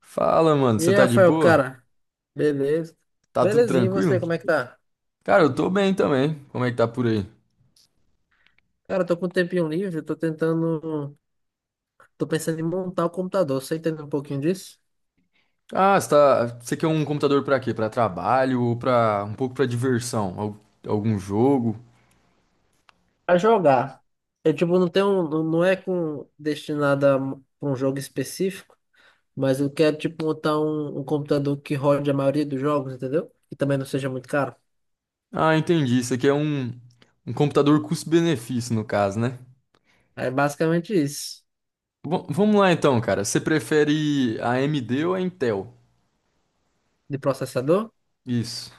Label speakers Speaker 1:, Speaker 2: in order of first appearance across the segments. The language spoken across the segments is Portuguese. Speaker 1: Fala, mano,
Speaker 2: E
Speaker 1: você
Speaker 2: aí,
Speaker 1: tá de
Speaker 2: Rafael,
Speaker 1: boa?
Speaker 2: cara, beleza?
Speaker 1: Tá tudo
Speaker 2: Belezinho, e
Speaker 1: tranquilo?
Speaker 2: você, como é que tá?
Speaker 1: Cara, eu tô bem também. Como é que tá por aí?
Speaker 2: Cara, eu tô com um tempinho livre, tô tentando. Tô pensando em montar o computador. Você entende um pouquinho disso?
Speaker 1: Ah, você quer um computador pra quê? Pra trabalho ou pra um pouco pra diversão? Algum jogo?
Speaker 2: Pra jogar. Eu, tipo, não tenho. Não não é com destinado a um jogo específico, mas eu quero, tipo, montar um computador que rode a maioria dos jogos, entendeu? E também não seja muito caro.
Speaker 1: Ah, entendi. Isso aqui é um computador custo-benefício, no caso, né?
Speaker 2: É basicamente isso.
Speaker 1: Bom, vamos lá então, cara. Você prefere a AMD ou a Intel?
Speaker 2: De processador?
Speaker 1: Isso.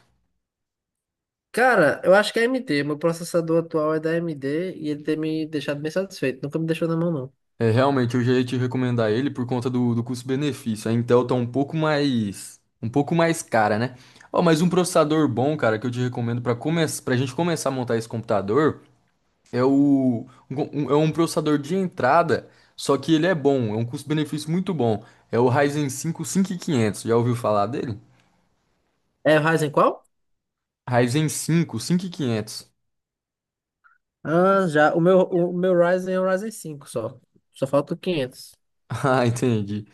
Speaker 2: Cara, eu acho que é AMD. Meu processador atual é da AMD e ele tem me deixado bem satisfeito. Nunca me deixou na mão, não.
Speaker 1: É, realmente, eu já ia te recomendar ele por conta do custo-benefício. A Intel tá um pouco mais cara, né? Ó, mas um processador bom, cara, que eu te recomendo para começar, para gente começar a montar esse computador é um processador de entrada, só que ele é bom, é um custo-benefício muito bom. É o Ryzen 5 quinhentos. Já ouviu falar dele?
Speaker 2: É o Ryzen qual?
Speaker 1: Ryzen 5 quinhentos.
Speaker 2: Ah, já. O meu Ryzen é o Ryzen cinco só. Só falta o 500.
Speaker 1: Ah, entendi.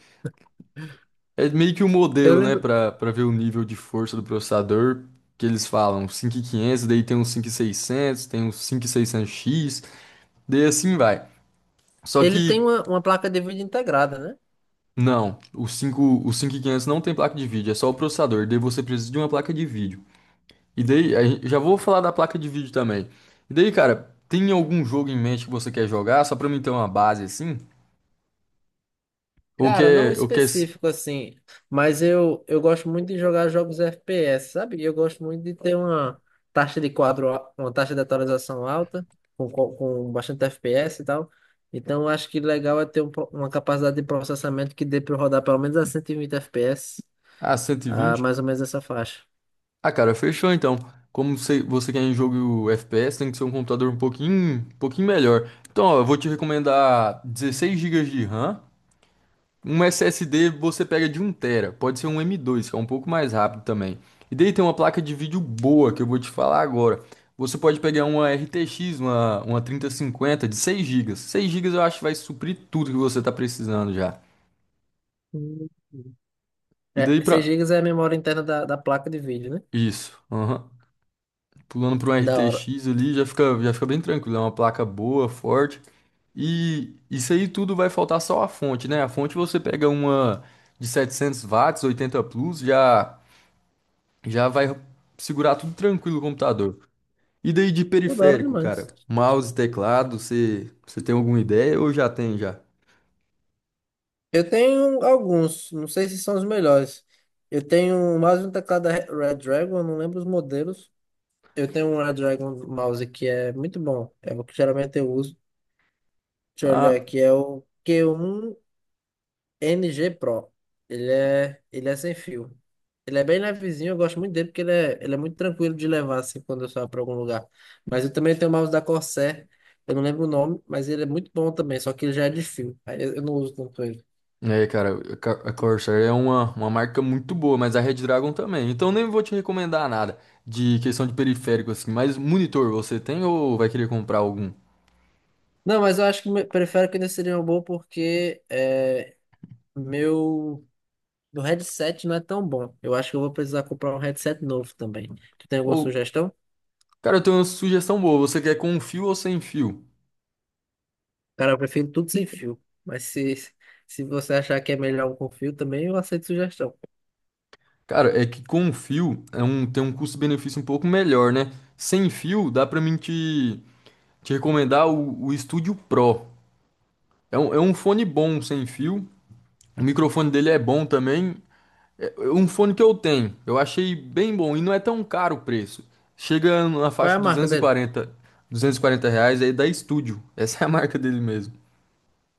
Speaker 1: É meio que o
Speaker 2: Eu
Speaker 1: modelo, né,
Speaker 2: lembro.
Speaker 1: Pra para ver o nível de força do processador que eles falam, um 5500, daí tem um 5600, tem um cinco mil e seiscentos x, daí assim vai. Só
Speaker 2: Ele tem
Speaker 1: que
Speaker 2: uma placa de vídeo integrada, né?
Speaker 1: não, o 5, o 5500 não tem placa de vídeo, é só o processador, daí você precisa de uma placa de vídeo. E daí, já vou falar da placa de vídeo também. E daí, cara, tem algum jogo em mente que você quer jogar, só pra mim ter uma base assim? Ou
Speaker 2: Cara, não
Speaker 1: quer, ou quer,
Speaker 2: específico assim. Mas eu gosto muito de jogar jogos FPS, sabe? Eu gosto muito de ter uma taxa de quadro, uma taxa de atualização alta, com bastante FPS e tal. Então, eu acho que legal é ter uma capacidade de processamento que dê para rodar pelo menos a 120 FPS,
Speaker 1: ah, cento e
Speaker 2: a
Speaker 1: vinte?
Speaker 2: mais ou menos essa faixa.
Speaker 1: Ah, cara, fechou então. Como você quer um jogo FPS, tem que ser um computador um pouquinho melhor. Então, ó, eu vou te recomendar 16 gigas de RAM. Um SSD você pega de um tera. Pode ser um M.2, que é um pouco mais rápido também. E daí tem uma placa de vídeo boa que eu vou te falar agora. Você pode pegar uma RTX, uma 3050 de 6 gigas. 6 gigas eu acho que vai suprir tudo que você está precisando já.
Speaker 2: Hum.
Speaker 1: E daí
Speaker 2: É,
Speaker 1: pra.
Speaker 2: 6 GB é a memória interna da placa de vídeo, né?
Speaker 1: Isso. Aham. Pulando para um
Speaker 2: Da hora.
Speaker 1: RTX ali, já fica bem tranquilo. É uma placa boa, forte. E isso aí tudo vai faltar só a fonte, né? A fonte você pega uma de 700 watts, 80 plus, já vai segurar tudo tranquilo o computador. E daí de
Speaker 2: Pô, da hora
Speaker 1: periférico, cara?
Speaker 2: demais.
Speaker 1: Mouse, teclado, você tem alguma ideia ou já tem já?
Speaker 2: Eu tenho alguns, não sei se são os melhores. Eu tenho mais um teclado da Dragon, não lembro os modelos. Eu tenho um Redragon mouse que é muito bom. É o que geralmente eu uso. Deixa eu olhar
Speaker 1: Ah,
Speaker 2: aqui, é o Q1 NG Pro. Ele é sem fio. Ele é bem levezinho, eu gosto muito dele porque ele é muito tranquilo de levar assim quando eu saio para algum lugar. Mas eu também tenho o mouse da Corsair, eu não lembro o nome, mas ele é muito bom também, só que ele já é de fio. Aí eu não uso tanto ele.
Speaker 1: é, cara, a Corsair é uma marca muito boa, mas a Red Dragon também. Então nem vou te recomendar nada de questão de periférico assim, mas monitor você tem ou vai querer comprar algum?
Speaker 2: Não, mas eu acho que prefiro que ainda seria um bom porque é, meu, meu headset não é tão bom. Eu acho que eu vou precisar comprar um headset novo também. Tu tem alguma
Speaker 1: Ou,
Speaker 2: sugestão?
Speaker 1: cara, eu tenho uma sugestão boa, você quer com fio ou sem fio?
Speaker 2: Cara, eu prefiro tudo sem fio. Se você achar que é melhor um com fio também, eu aceito sugestão.
Speaker 1: Cara, é que com fio é um, tem um custo-benefício um pouco melhor, né? Sem fio dá pra mim te recomendar o Studio Pro. É um fone bom sem fio, o microfone dele é bom também. É, um fone que eu tenho, eu achei bem bom e não é tão caro o preço. Chega na
Speaker 2: Qual
Speaker 1: faixa
Speaker 2: é a
Speaker 1: de
Speaker 2: marca
Speaker 1: duzentos duzentos e
Speaker 2: dele?
Speaker 1: quarenta duzentos e quarenta reais aí da Estúdio. Essa é a marca dele mesmo.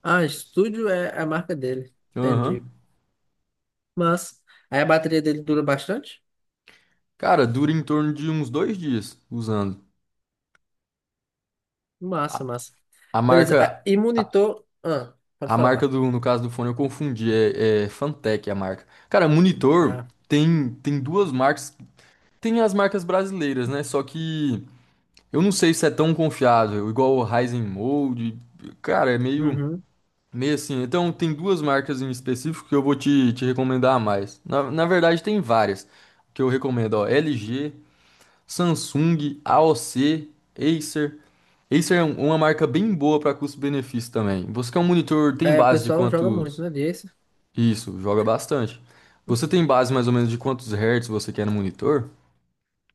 Speaker 2: Ah, Studio é a marca dele. Entendi.
Speaker 1: Aham.
Speaker 2: Mas, aí a bateria dele dura bastante?
Speaker 1: Cara, dura em torno de uns 2 dias usando.
Speaker 2: Massa,
Speaker 1: A,
Speaker 2: massa.
Speaker 1: a
Speaker 2: Beleza.
Speaker 1: marca,
Speaker 2: Ah, e
Speaker 1: a,
Speaker 2: monitor. Ah, pode
Speaker 1: a marca
Speaker 2: falar.
Speaker 1: do, no caso do fone eu confundi, é Fantech a marca. Cara, monitor
Speaker 2: Ah,
Speaker 1: tem duas marcas, tem as marcas brasileiras, né? Só que eu não sei se é tão confiável, igual o Ryzen Mode. Cara, é meio.
Speaker 2: uhum.
Speaker 1: Meio assim, então tem duas marcas em específico que eu vou te recomendar a mais. Na verdade, tem várias que eu recomendo, ó, LG, Samsung, AOC, Acer. Acer é uma marca bem boa para custo-benefício também. Você quer um monitor, tem
Speaker 2: É, o
Speaker 1: base de
Speaker 2: pessoal joga muito,
Speaker 1: quantos?
Speaker 2: né? Disso.
Speaker 1: Isso, joga bastante. Você tem base mais ou menos de quantos hertz você quer no monitor?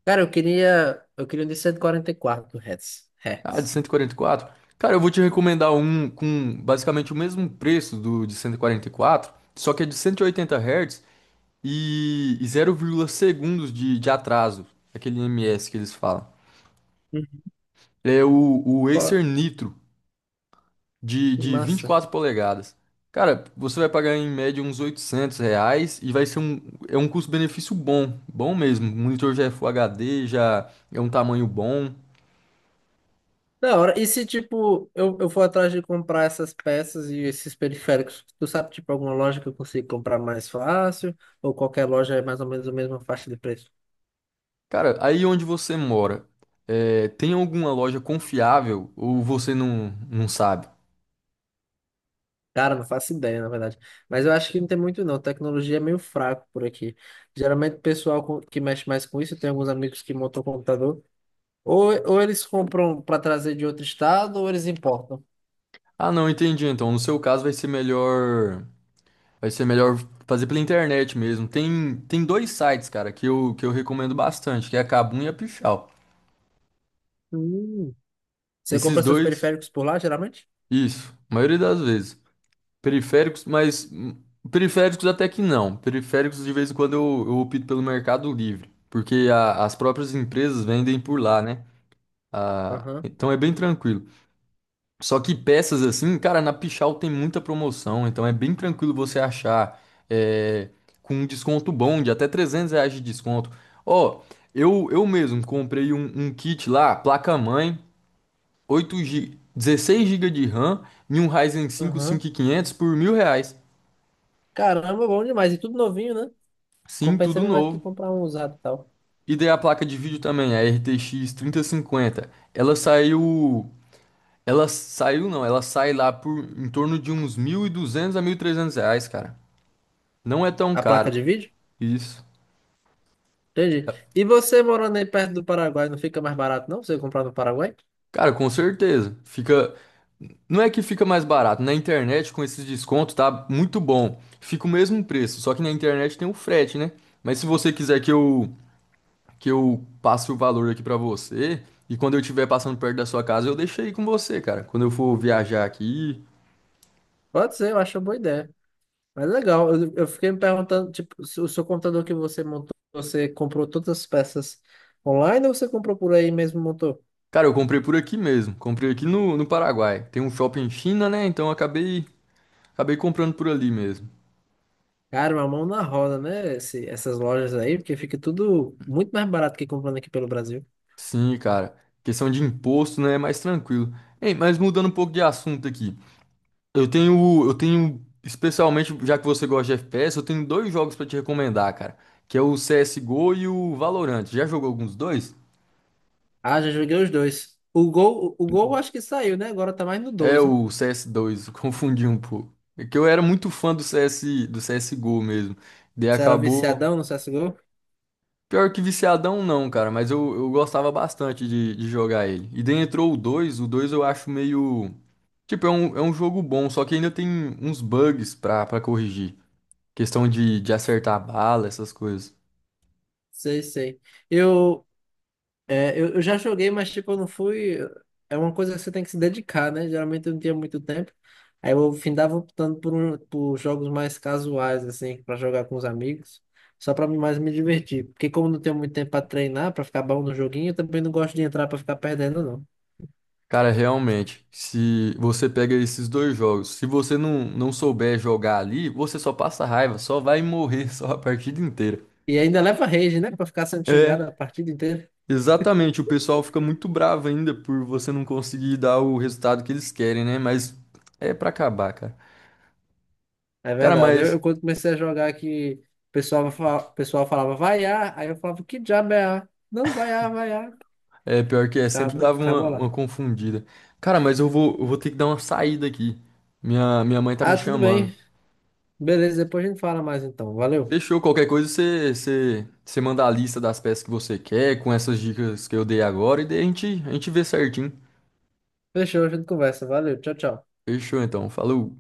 Speaker 2: Cara, eu queria. Eu queria um de 144 Hz. Hz.
Speaker 1: Ah, de
Speaker 2: Hertz.
Speaker 1: 144. Cara, eu vou te recomendar um com basicamente o mesmo preço do de 144, só que é de 180 Hz e zero vírgula segundos de atraso, aquele ms que eles falam.
Speaker 2: Uhum.
Speaker 1: É o
Speaker 2: Qual-
Speaker 1: Acer Nitro de vinte e
Speaker 2: Massa.
Speaker 1: quatro polegadas. Cara, você vai pagar em média uns R$ 800 e vai ser é um custo-benefício bom, bom mesmo. O monitor já é Full HD, já é um tamanho bom.
Speaker 2: Da hora. E se, tipo, eu for atrás de comprar essas peças e esses periféricos, tu sabe, tipo, alguma loja que eu consigo comprar mais fácil? Ou qualquer loja é mais ou menos a mesma faixa de preço?
Speaker 1: Cara, aí onde você mora, tem alguma loja confiável ou você não sabe?
Speaker 2: Cara, não faço ideia, na verdade. Mas eu acho que não tem muito, não. Tecnologia é meio fraco por aqui. Geralmente, o pessoal que mexe mais com isso, tem alguns amigos que montam computador. Ou eles compram para trazer de outro estado, ou eles importam.
Speaker 1: Ah, não, entendi. Então, no seu caso vai ser melhor fazer pela internet mesmo. Tem dois sites, cara, que eu recomendo bastante, que é a Kabum e a Pichau.
Speaker 2: Hum. Você compra
Speaker 1: Esses
Speaker 2: seus
Speaker 1: dois,
Speaker 2: periféricos por lá, geralmente?
Speaker 1: isso, a maioria das vezes. Periféricos, mas periféricos até que não. Periféricos de vez em quando eu opto pelo Mercado Livre, porque as próprias empresas vendem por lá, né? Ah,
Speaker 2: Aham,
Speaker 1: então é bem tranquilo. Só que peças assim, cara, na Pichau tem muita promoção, então é bem tranquilo você achar é, com um desconto bom de até R$ 300 de desconto. Ó, eu mesmo comprei um kit lá, placa-mãe, 8 GB, 16 gigas de RAM e um Ryzen 5
Speaker 2: aham.
Speaker 1: quinhentos por R$ 1.000.
Speaker 2: Caramba, bom demais. E tudo novinho, né?
Speaker 1: Sim,
Speaker 2: Compensa
Speaker 1: tudo
Speaker 2: mesmo aqui
Speaker 1: novo.
Speaker 2: comprar um usado e tal.
Speaker 1: E daí a placa de vídeo também, a RTX cinquenta. Ela saiu. Ela saiu, não, ela sai lá por em torno de uns 1.200 a R$ 1.300, cara. Não é tão
Speaker 2: A placa
Speaker 1: caro.
Speaker 2: de vídeo?
Speaker 1: Isso.
Speaker 2: Entendi. E você morando aí perto do Paraguai, não fica mais barato não você comprar no Paraguai?
Speaker 1: Cara, com certeza. Fica. Não é que fica mais barato. Na internet, com esses descontos, tá muito bom. Fica o mesmo preço. Só que na internet tem o frete, né? Mas se você quiser que eu passe o valor aqui pra você, e quando eu estiver passando perto da sua casa, eu deixo aí com você, cara. Quando eu for viajar aqui.
Speaker 2: Pode ser, eu acho uma boa ideia. Mas legal, eu fiquei me perguntando, tipo, se o seu computador que você montou, você comprou todas as peças online ou você comprou por aí mesmo e montou?
Speaker 1: Cara, eu comprei por aqui mesmo. Comprei aqui no Paraguai. Tem um shopping em China, né? Então eu acabei comprando por ali mesmo.
Speaker 2: Cara, uma mão na roda, né? Essas lojas aí, porque fica tudo muito mais barato que comprando aqui pelo Brasil.
Speaker 1: Sim, cara. Questão de imposto, né, é mais tranquilo. Ei, mas mudando um pouco de assunto aqui. Eu tenho, especialmente já que você gosta de FPS, eu tenho dois jogos pra te recomendar, cara, que é o CS:GO e o Valorant. Já jogou alguns dois?
Speaker 2: Ah, já joguei os dois. O Gol, Gol eu acho que saiu, né? Agora tá mais no
Speaker 1: É
Speaker 2: 2, né?
Speaker 1: o CS 2 eu confundi um pouco. É que eu era muito fã do CS, do CS:GO mesmo. Daí
Speaker 2: Você era
Speaker 1: acabou.
Speaker 2: viciadão no CSGO?
Speaker 1: Pior que viciadão não, cara, mas eu gostava bastante de jogar ele. E daí entrou o 2 eu acho meio. Tipo, é um jogo bom, só que ainda tem uns bugs pra corrigir. Questão de acertar a bala, essas coisas.
Speaker 2: Sei, sei. Eu, eu já joguei, mas tipo, eu não fui. É uma coisa que você tem que se dedicar, né? Geralmente eu não tinha muito tempo. Aí eu findava optando por, um, por jogos mais casuais, assim, pra jogar com os amigos, só pra mais me divertir. Porque como não tenho muito tempo pra treinar, pra ficar bom no joguinho, eu também não gosto de entrar pra ficar perdendo, não.
Speaker 1: Cara, realmente, se você pega esses dois jogos, se você não souber jogar ali, você só passa raiva, só vai morrer só a partida inteira.
Speaker 2: E ainda leva rage, né? Pra ficar sendo xingado
Speaker 1: É.
Speaker 2: a partida inteira.
Speaker 1: Exatamente, o pessoal fica muito bravo ainda por você não conseguir dar o resultado que eles querem, né? Mas é pra acabar, cara.
Speaker 2: É
Speaker 1: Cara,
Speaker 2: verdade.
Speaker 1: mas
Speaker 2: Eu quando comecei a jogar que o pessoal, o pessoal falava, vai A, aí eu falava, que diabo é A? Não, vai A, vai A.
Speaker 1: é pior que é, sempre
Speaker 2: Acabou,
Speaker 1: dava uma,
Speaker 2: acabou
Speaker 1: uma
Speaker 2: lá.
Speaker 1: confundida. Cara, mas eu vou ter que dar uma saída aqui. Minha mãe tá me
Speaker 2: Ah, tudo
Speaker 1: chamando.
Speaker 2: bem. Beleza, depois a gente fala mais então. Valeu.
Speaker 1: Fechou, qualquer coisa você manda a lista das peças que você quer, com essas dicas que eu dei agora, e daí a gente vê certinho.
Speaker 2: Fechou, a gente conversa. Valeu, tchau, tchau.
Speaker 1: Fechou então, falou.